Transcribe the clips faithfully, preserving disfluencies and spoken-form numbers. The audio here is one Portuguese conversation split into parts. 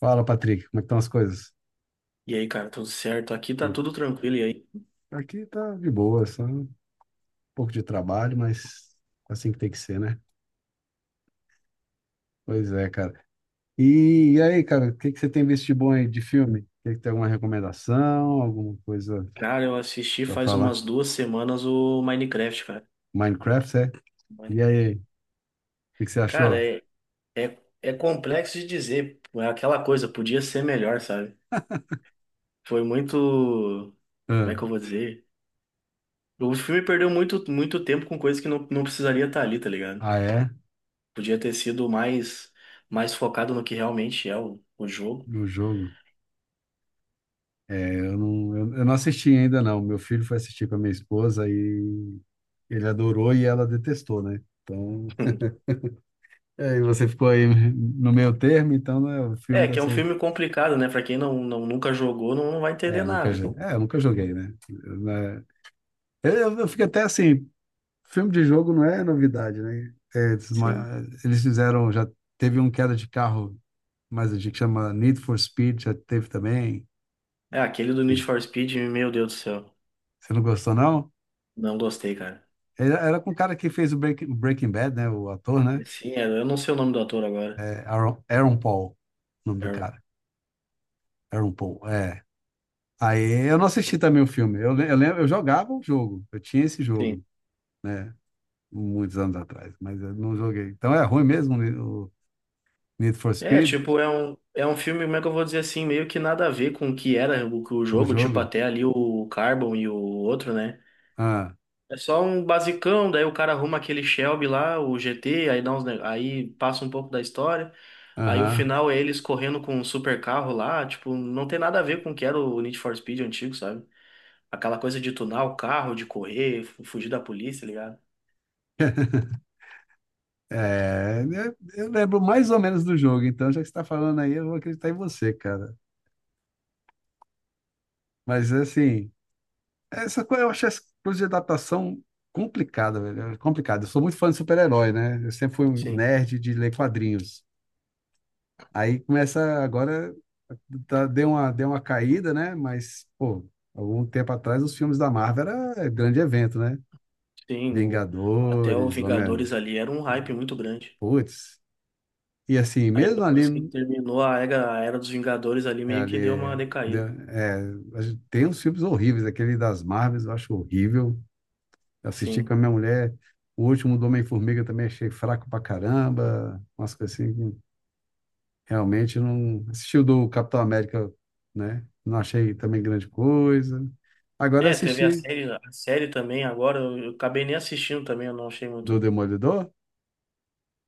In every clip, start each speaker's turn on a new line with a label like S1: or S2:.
S1: Fala, Patrick, como é que estão as coisas?
S2: E aí, cara, tudo certo? Aqui tá
S1: Tudo.
S2: tudo tranquilo. E aí?
S1: Aqui tá de boa, só um pouco de trabalho, mas assim que tem que ser, né? Pois é, cara. E, e aí, cara, o que que você tem visto de bom aí de filme? Tem que ter alguma recomendação, alguma coisa
S2: Cara, eu assisti
S1: pra
S2: faz
S1: falar?
S2: umas duas semanas o Minecraft, cara.
S1: Minecraft, é? E
S2: Mine-
S1: aí, o que que você
S2: Cara,
S1: achou?
S2: é, é, é complexo de dizer. É aquela coisa, podia ser melhor, sabe? Foi muito. Como
S1: Ah,
S2: é que eu vou dizer? O filme perdeu muito, muito tempo com coisas que não, não precisaria estar ali, tá ligado?
S1: ah, é?
S2: Podia ter sido mais, mais focado no que realmente é o, o jogo.
S1: Do jogo? É, eu não, eu, eu não assisti ainda, não. Meu filho foi assistir com a minha esposa e ele adorou e ela detestou, né? Então, é, e você ficou aí no meio termo, então né, o filme
S2: É, que
S1: deve
S2: é um
S1: ser.
S2: filme complicado, né? Pra quem não, não, nunca jogou, não, não vai
S1: É,
S2: entender
S1: eu nunca
S2: nada.
S1: joguei. É, eu nunca joguei, né? Eu, né? eu, eu- eu fico até assim, filme de jogo não é novidade, né? É, Eles,
S2: Sim.
S1: ma- eles fizeram, já teve um queda de carro, mas a gente chama Need for Speed, já teve também.
S2: É, aquele do Need
S1: Que-
S2: for Speed, meu Deus do céu.
S1: Você não gostou, não?
S2: Não gostei, cara.
S1: Era, era com o cara que fez o Breaking, Breaking Bad, né? O ator, né?
S2: Sim, é, eu não sei o nome do ator agora.
S1: É Aaron, Aaron Paul, o nome do
S2: É,
S1: cara. Aaron Paul, é. Aí eu não assisti também o filme. Eu, le- eu lembro, eu jogava o jogo, eu tinha esse
S2: sim.
S1: jogo. Né? Muitos anos atrás, mas eu não joguei. Então é ruim mesmo o Need for
S2: É,
S1: Speed,
S2: tipo, é um, é um filme, como é que eu vou dizer assim, meio que nada a ver com o que era o, o
S1: o
S2: jogo, tipo,
S1: jogo?
S2: até ali o Carbon e o outro, né?
S1: Ah,
S2: É só um basicão, daí o cara arruma aquele Shelby lá, o G T, aí dá uns, ne- aí passa um pouco da história, aí o
S1: aham.
S2: final é eles correndo com um super carro lá, tipo, não tem nada a ver com o que era o Need for Speed antigo, sabe? Aquela coisa de tunar o carro, de correr, fu- fugir da polícia, tá ligado?
S1: É, né, eu lembro mais ou menos do jogo, então já que você está falando aí, eu vou acreditar em você, cara. Mas assim, essa coisa, eu acho essa coisa de adaptação complicada, velho. É complicado. Eu sou muito fã de super-herói, né? Eu sempre fui um
S2: Sim,
S1: nerd de ler quadrinhos. Aí começa agora, tá, deu uma, deu uma caída, né? Mas, pô, algum tempo atrás os filmes da Marvel era é, grande evento, né?
S2: sim. O- até o
S1: Vingadores, Homem-Aranha,
S2: Vingadores ali era um hype muito grande.
S1: putz. E assim,
S2: Aí
S1: mesmo ali,
S2: depois que terminou a era, a era dos Vingadores ali,
S1: é,
S2: meio que deu uma
S1: ali deu-
S2: decaída.
S1: é, a gente tem uns filmes horríveis, aquele das Marvels eu acho horrível. Eu assisti com
S2: Sim.
S1: a minha mulher, o último do Homem-Formiga também achei fraco pra caramba, umas coisas assim. Realmente não assisti o do Capitão América, né? Não achei também grande coisa. Agora eu
S2: É, teve a
S1: assisti
S2: série, a série também agora, eu, eu acabei nem assistindo também, eu não achei
S1: do
S2: muito.
S1: Demolidor.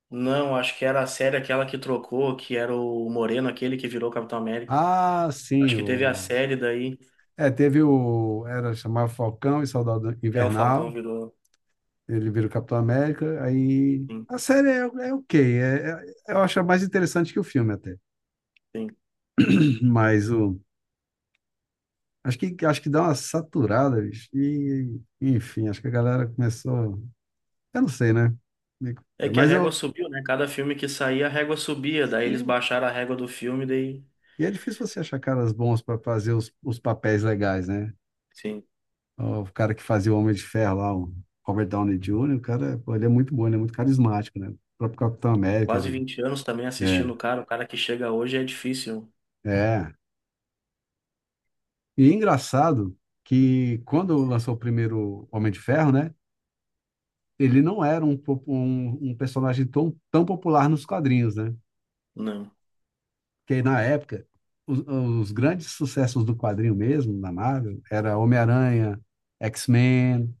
S2: Não, acho que era a série aquela que trocou, que era o Moreno, aquele que virou Capitão América.
S1: Ah, sim.
S2: Acho que teve a
S1: o
S2: série daí,
S1: É, teve o era chamado Falcão e Soldado
S2: é, o Falcão
S1: Invernal.
S2: virou.
S1: Ele vira o Capitão América, aí
S2: Sim,
S1: a série é, é, ok, é, é- eu acho mais interessante que o filme até.
S2: sim.
S1: Mas o acho que acho que dá uma saturada, bicho. E enfim, acho que a galera começou, eu não sei, né?
S2: É que a
S1: Mas
S2: régua subiu, né? Cada filme que saía, a régua subia, daí eles
S1: eu
S2: baixaram a régua do filme, daí.
S1: E é difícil você achar caras bons para fazer os, os papéis legais, né?
S2: Sim.
S1: Ó, o cara que fazia o Homem de Ferro lá, o Robert Downey júnior, o cara, pô, ele é muito bom, ele é muito carismático, né? O próprio Capitão
S2: É
S1: América,
S2: quase
S1: né?
S2: vinte anos também assistindo
S1: É,
S2: o cara. O cara que chega hoje é difícil.
S1: é. E é engraçado que quando lançou o primeiro Homem de Ferro, né? Ele não era um, po- um, um personagem tão, tão popular nos quadrinhos, né?
S2: Não.
S1: Porque na época, os, os grandes sucessos do quadrinho mesmo, da Marvel, era Homem-Aranha, X-Men,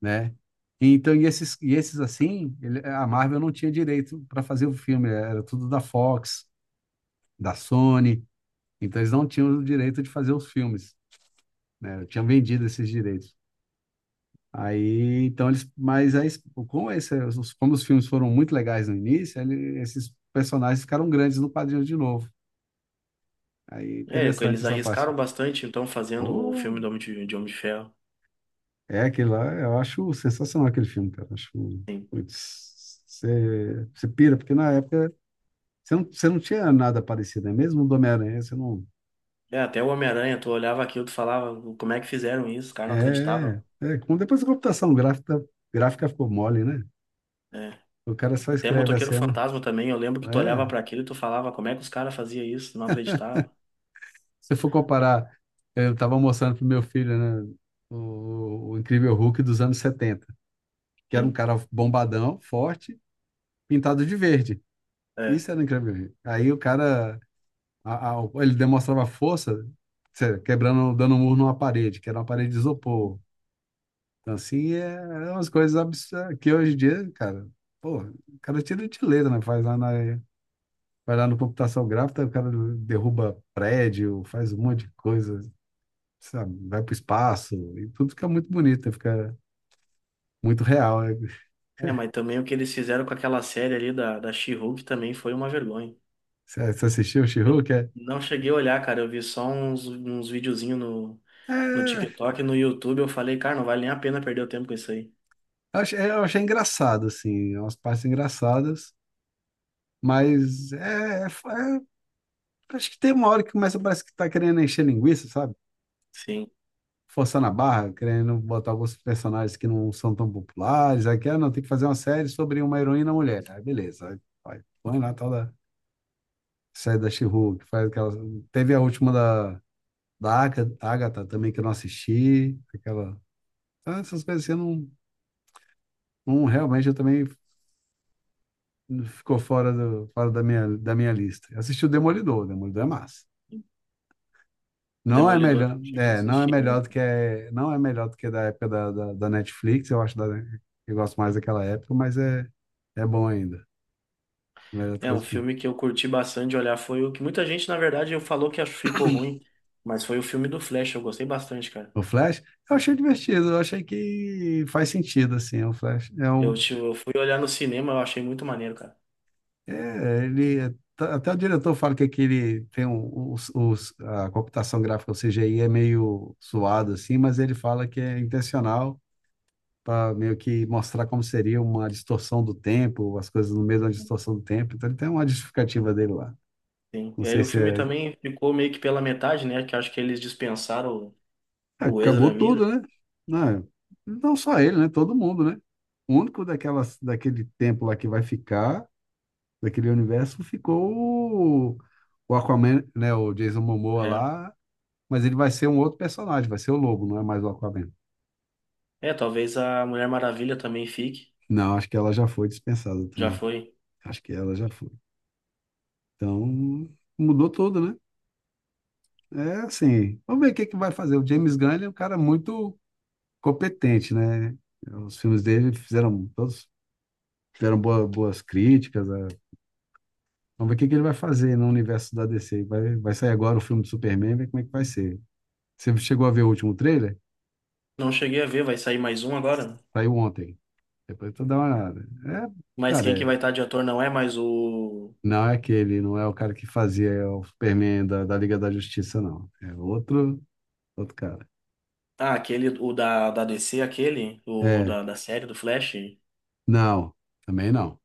S1: né? Então, e esses, e esses assim, ele- a Marvel não tinha direito para fazer o filme, era tudo da Fox, da Sony, então eles não tinham o direito de fazer os filmes, né? Tinham vendido esses direitos. Aí, então eles, mas aí, como, esse, os- como os filmes foram muito legais no início, ele- esses personagens ficaram grandes no quadrinho de novo. Aí,
S2: É,
S1: interessante
S2: eles
S1: essa parte.
S2: arriscaram bastante, então, fazendo o
S1: Pô,
S2: filme do Homem de, de Homem de Ferro.
S1: é aquele lá, eu acho sensacional aquele filme, cara. Acho,
S2: Sim.
S1: putz, você você pira, porque na época Você não, você não tinha nada parecido, né? Mesmo do Homem-Aranha, você não.
S2: É, até o Homem-Aranha, tu olhava aquilo, tu falava, como é que fizeram isso? O cara não
S1: É,
S2: acreditava.
S1: é. Como depois a computação gráfica, gráfica ficou mole, né?
S2: É.
S1: O cara só
S2: Até
S1: escreve a
S2: Motoqueiro
S1: cena.
S2: Fantasma também, eu lembro que tu olhava pra
S1: É.
S2: aquilo e tu falava, como é que os caras faziam isso? Não acreditava.
S1: Se for comparar, eu estava mostrando pro meu filho, né? O, o Incrível Hulk dos anos setenta, que era um
S2: Sim.
S1: cara bombadão, forte, pintado de verde.
S2: É.
S1: Isso era o Incrível Hulk. Aí o cara, a- a- ele demonstrava força, cê- quebrando, dando um murro numa parede, que era uma parede de
S2: Sim.
S1: isopor. Então, assim, é, é umas coisas absurdas que hoje em dia, cara, pô, o cara tira de letra, né? Faz lá na, vai lá no computação gráfica, o cara derruba prédio, faz um monte de coisa, sabe? Vai pro espaço, e tudo fica muito bonito, fica muito real, né?
S2: É, mas também o que eles fizeram com aquela série ali da, da She-Hulk também foi uma vergonha.
S1: Você, você assistiu o
S2: Eu
S1: She-Hulk? É,
S2: não cheguei a olhar, cara, eu vi só uns, uns videozinhos no no
S1: é,
S2: TikTok e no YouTube eu falei, cara, não vale nem a pena perder o tempo com isso aí.
S1: eu achei, eu achei engraçado, assim, umas partes engraçadas, mas é, é- é- acho que tem uma hora que começa, parece que tá querendo encher linguiça, sabe?
S2: Sim.
S1: Forçando a barra, querendo botar alguns personagens que não são tão populares. Aqui, ah, não, tem que fazer uma série sobre uma heroína mulher. Aí, beleza. Aí, vai, põe lá a tal da série da She-Hulk. Faz aquela... Teve a última da, da Aga- Agatha também, que eu não assisti. Aquela... Ah, essas coisas assim, eu não, não realmente eu também ficou fora, do, fora da minha, da minha lista. Eu assisti o Demolidor, o Demolidor é massa.
S2: O
S1: Não é
S2: Demolidor eu
S1: melhor,
S2: não cheguei a
S1: é, não é
S2: assistir
S1: melhor
S2: ainda.
S1: do que é, não é melhor do que da época da, da, da Netflix, eu acho da, eu gosto mais daquela época, mas é, é bom ainda, melhor do
S2: É
S1: que as
S2: um
S1: últimas.
S2: filme que eu curti bastante de olhar. Foi o que muita gente, na verdade, eu falou que acho- ficou ruim. Mas foi o filme do Flash, eu gostei bastante, cara.
S1: O Flash, eu achei divertido, eu achei que faz sentido, assim, o Flash é
S2: Eu,
S1: um,
S2: tipo, eu fui olhar no cinema, eu achei muito maneiro, cara.
S1: é, ele, é- tá- até o diretor fala que aquele, tem um, os, os- a computação gráfica, o C G I é meio suado, assim, mas ele fala que é intencional, para meio que mostrar como seria uma distorção do tempo, as coisas no meio da distorção do tempo. Então ele tem uma justificativa dele lá.
S2: Sim.
S1: Não
S2: E aí
S1: sei
S2: o
S1: se
S2: filme
S1: é.
S2: também ficou meio que pela metade, né? Que eu acho que eles dispensaram o
S1: É,
S2: o Ezra
S1: acabou
S2: Miller.
S1: tudo, né? Não, é- não só ele, né? Todo mundo, né? O único daquelas, daquele tempo lá que vai ficar, daquele universo, ficou o, o Aquaman, né? O Jason Momoa
S2: É.
S1: lá, mas ele vai ser um outro personagem, vai ser o Lobo, não é mais o Aquaman.
S2: É, talvez a Mulher Maravilha também fique.
S1: Não, acho que ela já foi dispensada
S2: Já
S1: também.
S2: foi.
S1: Acho que ela já foi. Então, mudou tudo, né? É assim, vamos ver o que que vai fazer. O James Gunn, ele é um cara muito competente, né? Os filmes dele fizeram, todos fizeram boa- boas críticas. Né? Vamos ver o que que ele vai fazer no universo da D C. Vai, vai sair agora o filme do Superman, ver como é que vai ser. Você chegou a ver o último trailer?
S2: Não cheguei a ver, vai sair mais um agora?
S1: Saiu ontem. Depois tu dá uma olhada. É,
S2: Mas
S1: cara,
S2: quem que
S1: é-
S2: vai estar de ator não é mais o.
S1: não é aquele, não é o cara que fazia o Superman da, da, Liga da Justiça, não. É outro, outro cara.
S2: Ah, aquele, o da, da D C, aquele, o
S1: É,
S2: da, da série do Flash,
S1: não, também não.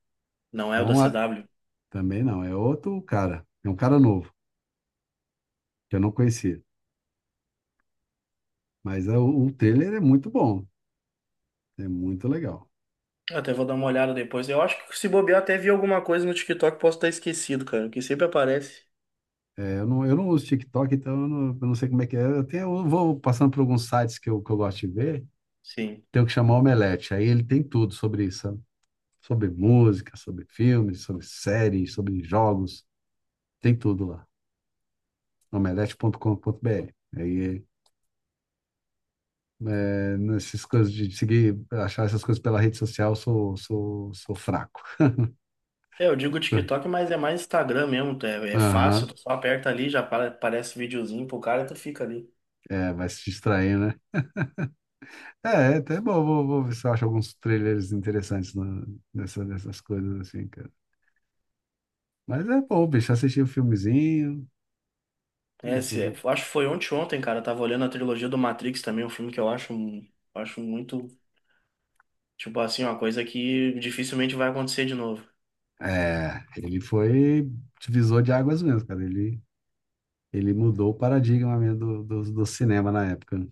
S2: não
S1: É
S2: é o
S1: um,
S2: da C W.
S1: Também não, é outro cara. É um cara novo, que eu não conhecia. Mas é, o, o trailer é muito bom, é muito legal.
S2: Eu até vou dar uma olhada depois. Eu acho que se bobear, até vi alguma coisa no TikTok, posso estar esquecido, cara, que sempre aparece.
S1: É, eu não, eu não, uso TikTok, então eu não, eu não sei como é que é. Eu, tenho, eu vou passando por alguns sites que eu, que eu gosto de ver,
S2: Sim.
S1: tenho que chamar o Omelete. Aí ele tem tudo sobre isso, sabe? Sobre música, sobre filmes, sobre séries, sobre jogos, tem tudo lá. omelete ponto com ponto b r. Aí, é, nessas coisas de seguir, achar essas coisas pela rede social, eu sou, sou, sou fraco.
S2: É, eu digo TikTok, mas é mais Instagram mesmo. É, é fácil,
S1: Aham.
S2: tu só aperta ali, já apa- aparece videozinho pro cara e tu fica ali.
S1: É, vai se distrair, né? É, é até bom, vou, vou ver se eu acho alguns trailers interessantes na- nessa, nessas coisas assim, cara. Mas é bom, bicho, assistir o filmezinho e
S2: É, se,
S1: tudo.
S2: eu acho que foi ontem, ontem, cara. Eu tava olhando a trilogia do Matrix também, um filme que eu acho, um- acho muito, tipo assim, uma coisa que dificilmente vai acontecer de novo.
S1: É, ele foi divisor de águas mesmo, cara. Ele, ele mudou o paradigma mesmo do, do, do cinema na época, né?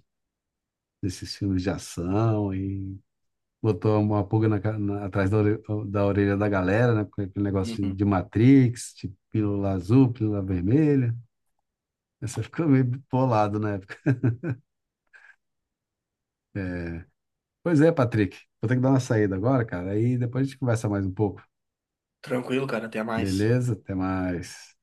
S1: Desses filmes de ação e botou uma pulga na ca- na- atrás da, ore- da orelha da galera, né? Com aquele negócio de,
S2: Uhum.
S1: de Matrix, de pílula azul, pílula vermelha. Essa ficou meio bolado na época. É. Pois é, Patrick. Vou ter que dar uma saída agora, cara. Aí depois a gente conversa mais um pouco.
S2: Tranquilo, cara. Até mais.
S1: Beleza? Até mais.